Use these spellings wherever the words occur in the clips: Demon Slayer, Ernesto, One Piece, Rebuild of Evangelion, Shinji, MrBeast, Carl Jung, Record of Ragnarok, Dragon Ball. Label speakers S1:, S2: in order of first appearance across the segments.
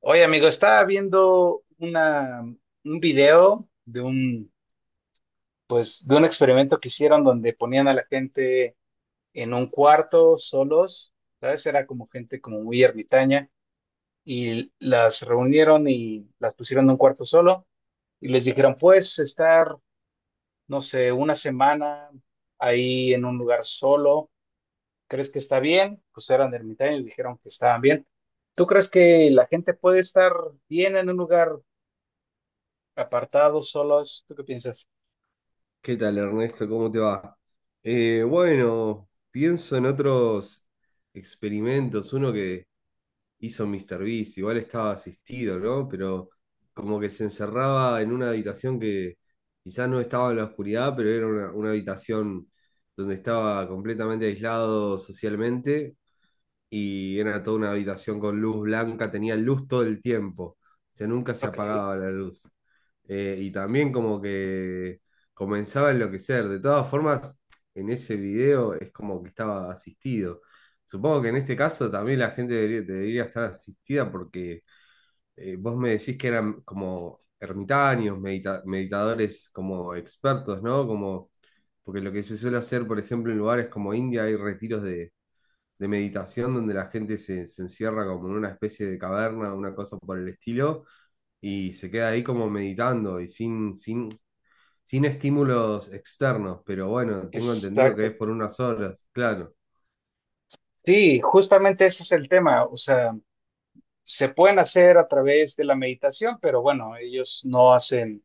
S1: Oye, amigo, estaba viendo un video de un experimento que hicieron donde ponían a la gente en un cuarto solos, ¿sabes? Era como gente como muy ermitaña y las reunieron y las pusieron en un cuarto solo y les dijeron, pues, estar, no sé, una semana ahí en un lugar solo, ¿crees que está bien? Pues eran ermitaños, dijeron que estaban bien. ¿Tú crees que la gente puede estar bien en un lugar? Apartados, solos, ¿tú qué piensas?
S2: ¿Qué tal, Ernesto? ¿Cómo te va? Bueno, pienso en otros experimentos. Uno que hizo míster Beast, igual estaba asistido, ¿no? Pero como que se encerraba en una habitación que quizás no estaba en la oscuridad, pero era una habitación donde estaba completamente aislado socialmente y era toda una habitación con luz blanca, tenía luz todo el tiempo, o sea, nunca se
S1: Ok,
S2: apagaba la luz. Y también como que comenzaba a enloquecer. De todas formas, en ese video es como que estaba asistido. Supongo que en este caso también la gente debería estar asistida porque vos me decís que eran como ermitaños, meditadores como expertos, ¿no? Como, porque lo que se suele hacer, por ejemplo, en lugares como India hay retiros de meditación donde la gente se encierra como en una especie de caverna, una cosa por el estilo, y se queda ahí como meditando y sin estímulos externos, pero bueno, tengo entendido que
S1: exacto.
S2: es por unas horas, claro,
S1: Sí, justamente ese es el tema. O sea, se pueden hacer a través de la meditación, pero bueno, ellos no hacen,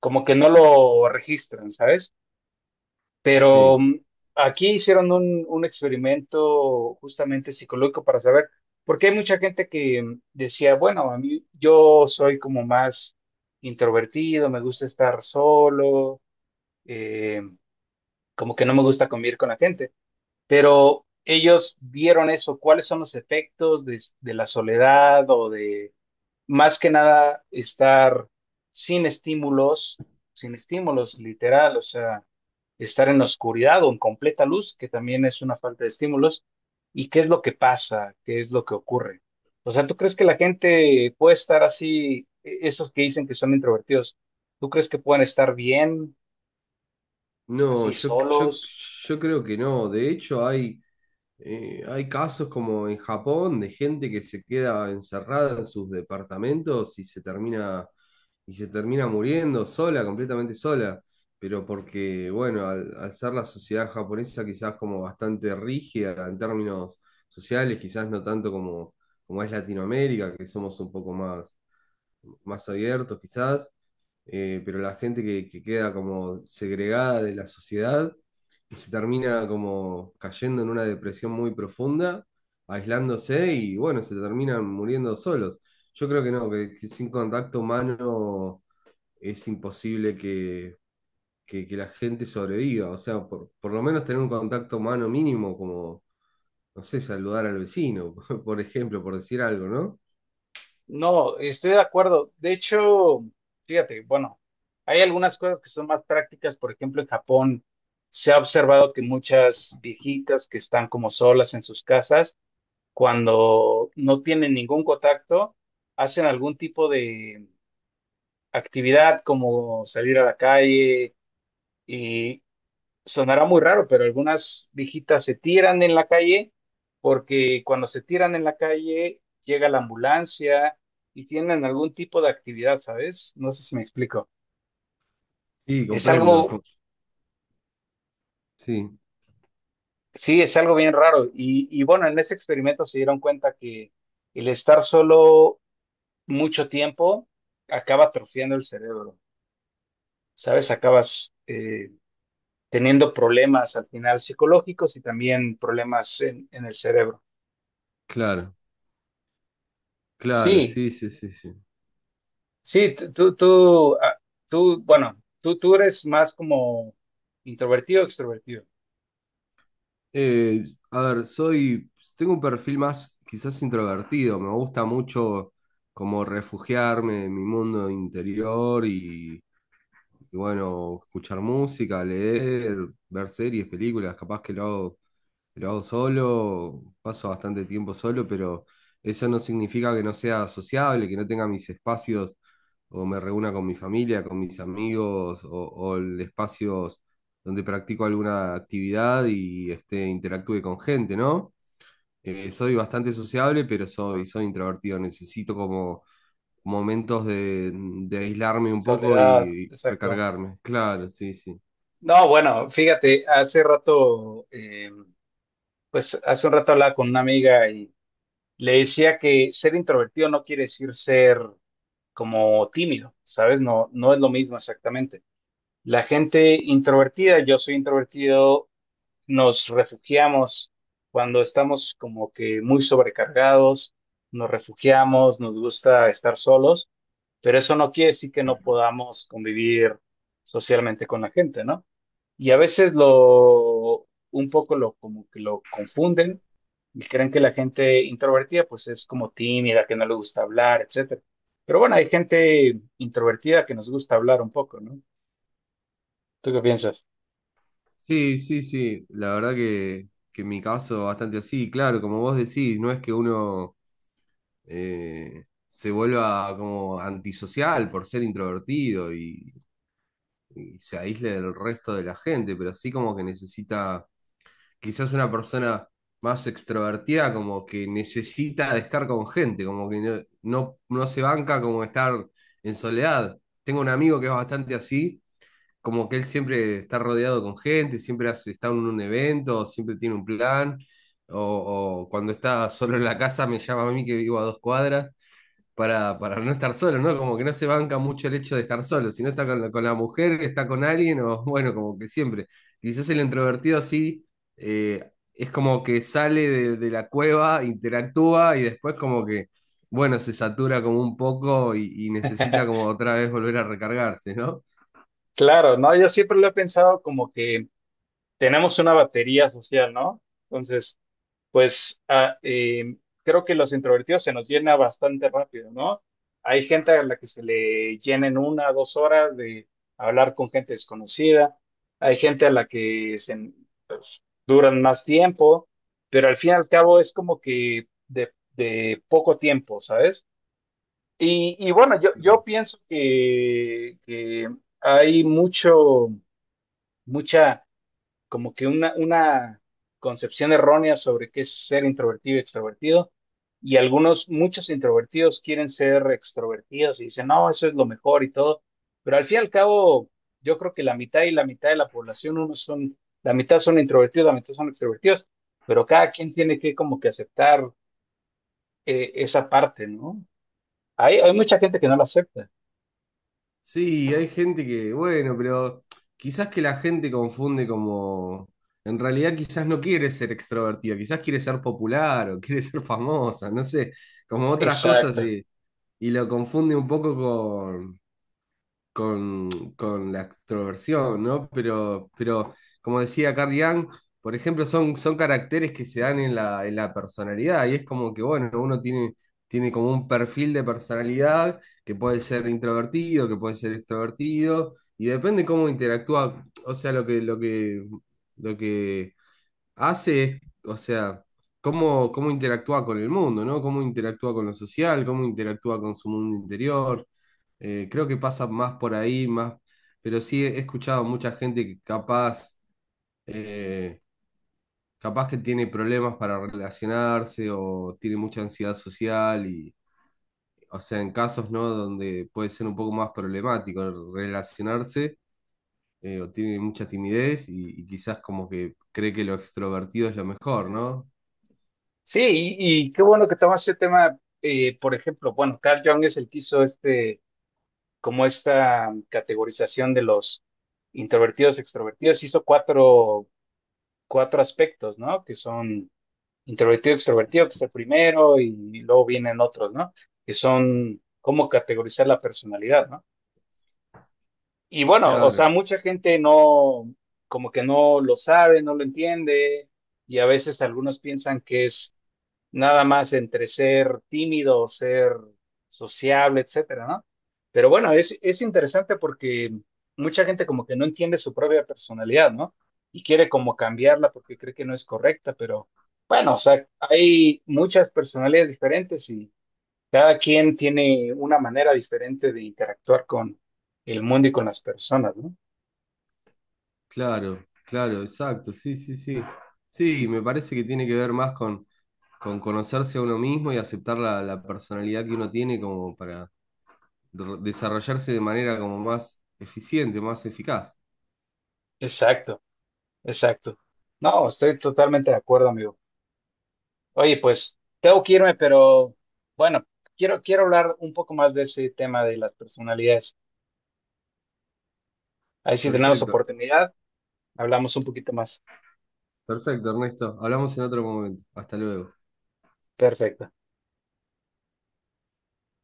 S1: como que no lo registran, ¿sabes? Pero
S2: sí.
S1: aquí hicieron un experimento justamente psicológico para saber, porque hay mucha gente que decía, bueno, a mí yo soy como más introvertido, me gusta estar solo, eh, como que no me gusta convivir con la gente. Pero ellos vieron eso, cuáles son los efectos de la soledad o de más que nada estar sin estímulos, sin estímulos literal, o sea, estar en oscuridad o en completa luz, que también es una falta de estímulos, y qué es lo que pasa, qué es lo que ocurre. O sea, ¿tú crees que la gente puede estar así? Esos que dicen que son introvertidos, ¿tú crees que pueden estar bien
S2: No,
S1: así solos?
S2: yo creo que no, de hecho hay... Hay casos como en Japón de gente que se queda encerrada en sus departamentos y se termina muriendo sola, completamente sola, pero porque, bueno, al ser la sociedad japonesa quizás como bastante rígida en términos sociales, quizás no tanto como, como es Latinoamérica, que somos un poco más, más abiertos quizás, pero la gente que queda como segregada de la sociedad y se termina como cayendo en una depresión muy profunda, aislándose y bueno, se terminan muriendo solos. Yo creo que no, que sin contacto humano es imposible que, que la gente sobreviva, o sea, por lo menos tener un contacto humano mínimo, como, no sé, saludar al vecino, por ejemplo, por decir algo, ¿no?
S1: No, estoy de acuerdo. De hecho, fíjate, bueno, hay algunas cosas que son más prácticas. Por ejemplo, en Japón se ha observado que muchas viejitas que están como solas en sus casas, cuando no tienen ningún contacto, hacen algún tipo de actividad como salir a la calle. Y sonará muy raro, pero algunas viejitas se tiran en la calle porque cuando se tiran en la calle llega la ambulancia y tienen algún tipo de actividad, ¿sabes? No sé si me explico.
S2: Sí,
S1: Es
S2: comprendo,
S1: algo,
S2: sí,
S1: sí, es algo bien raro. Y bueno, en ese experimento se dieron cuenta que el estar solo mucho tiempo acaba atrofiando el cerebro, ¿sabes? Acabas teniendo problemas al final psicológicos y también problemas en el cerebro.
S2: claro, claro,
S1: Sí,
S2: sí, sí, sí, sí.
S1: sí, tú, tú, tú, ah, tú, bueno, tú eres más como introvertido o extrovertido.
S2: Eh, a ver, soy, tengo un perfil más quizás introvertido, me gusta mucho como refugiarme en mi mundo interior y bueno, escuchar música, leer, ver series, películas, capaz que lo hago solo, paso bastante tiempo solo, pero eso no significa que no sea sociable, que no tenga mis espacios o me reúna con mi familia, con mis amigos o el espacios donde practico alguna actividad y este, interactúe con gente, ¿no? Soy bastante sociable, pero soy, soy introvertido. Necesito como momentos de aislarme un poco
S1: Soledad,
S2: y
S1: exacto.
S2: recargarme. Claro, sí, sí.
S1: No, bueno, fíjate, pues hace un rato hablaba con una amiga y le decía que ser introvertido no quiere decir ser como tímido, ¿sabes? No, no es lo mismo exactamente. La gente introvertida, yo soy introvertido, nos refugiamos cuando estamos como que muy sobrecargados, nos refugiamos, nos gusta estar solos, pero eso no quiere decir que no podamos convivir socialmente con la gente, ¿no? Y a veces lo, un poco lo, como que lo confunden y creen que la gente introvertida pues es como tímida, que no le gusta hablar, etcétera. Pero bueno, hay gente introvertida que nos gusta hablar un poco, ¿no? ¿Tú qué piensas?
S2: Sí, sí, sí, la verdad que en mi caso bastante así, claro, como vos decís, no es que uno se vuelva como antisocial por ser introvertido y se aísle del resto de la gente, pero sí como que necesita, quizás una persona más extrovertida como que necesita de estar con gente, como que no, no, no se banca como estar en soledad. Tengo un amigo que es bastante así como que él siempre está rodeado con gente, siempre está en un evento, siempre tiene un plan, o cuando está solo en la casa me llama a mí que vivo a dos cuadras para no estar solo, ¿no? Como que no se banca mucho el hecho de estar solo, si no está con, con la mujer, está con alguien, o bueno, como que siempre. Quizás el introvertido sí, es como que sale de la cueva, interactúa y después como que... Bueno, se satura como un poco y necesita como otra vez volver a recargarse, ¿no?
S1: Claro, no, yo siempre lo he pensado como que tenemos una batería social, ¿no? Entonces, pues creo que los introvertidos se nos llena bastante rápido, ¿no? Hay gente a la que se le llena en una o dos horas de hablar con gente desconocida, hay gente a la que pues, duran más tiempo, pero al fin y al cabo es como que de poco tiempo, ¿sabes? Y bueno, yo pienso que hay mucha como que una concepción errónea sobre qué es ser introvertido y extrovertido. Y muchos introvertidos quieren ser extrovertidos y dicen, no, eso es lo mejor y todo. Pero al fin y al cabo, yo creo que la mitad y la mitad de la población, la mitad son introvertidos, la mitad son extrovertidos, pero cada quien tiene que como que aceptar esa parte, ¿no? Hay mucha gente que no la acepta.
S2: Sí, hay gente que, bueno, pero quizás que la gente confunde como, en realidad quizás no quiere ser extrovertida, quizás quiere ser popular o quiere ser famosa, no sé, como otras cosas
S1: Exacto.
S2: y lo confunde un poco con la extroversión, ¿no? Pero como decía Carl Jung, por ejemplo, son, son caracteres que se dan en la personalidad y es como que, bueno, uno tiene, tiene como un perfil de personalidad que puede ser introvertido, que puede ser extrovertido y depende cómo interactúa, o sea, lo que, lo que, lo que hace, o sea, cómo, cómo interactúa con el mundo, ¿no? Cómo interactúa con lo social, cómo interactúa con su mundo interior. Creo que pasa más por ahí, más, pero sí he escuchado mucha gente que capaz, eh, capaz que tiene problemas para relacionarse o tiene mucha ansiedad social y, o sea, en casos, ¿no? Donde puede ser un poco más problemático relacionarse. O tiene mucha timidez y quizás como que cree que lo extrovertido es lo mejor, ¿no?
S1: Sí, y qué bueno que tomas ese tema. Por ejemplo, bueno, Carl Jung es el que hizo este como esta categorización de los introvertidos, extrovertidos, hizo cuatro aspectos, ¿no? Que son introvertido, extrovertido, que es el primero, y luego vienen otros, ¿no? Que son cómo categorizar la personalidad, ¿no? Y bueno, o
S2: Claro,
S1: sea, mucha gente no, como que no lo sabe, no lo entiende, y a veces algunos piensan que es nada más entre ser tímido o ser sociable, etcétera, ¿no? Pero bueno, es interesante porque mucha gente como que no entiende su propia personalidad, ¿no? Y quiere como cambiarla porque cree que no es correcta, pero bueno, o sea, hay muchas personalidades diferentes y cada quien tiene una manera diferente de interactuar con el mundo y con las personas, ¿no?
S2: claro, claro, exacto, sí, sí, sí. Sí, me parece que tiene que ver más con conocerse a uno mismo y aceptar la, la personalidad que uno tiene como para desarrollarse de manera como más eficiente, más eficaz.
S1: Exacto, exacto. No, estoy totalmente de acuerdo, amigo. Oye, pues tengo que irme, pero bueno, quiero hablar un poco más de ese tema de las personalidades. Ahí si tenemos
S2: Perfecto,
S1: oportunidad, hablamos un poquito más.
S2: perfecto, Ernesto. Hablamos en otro momento. Hasta luego.
S1: Perfecto.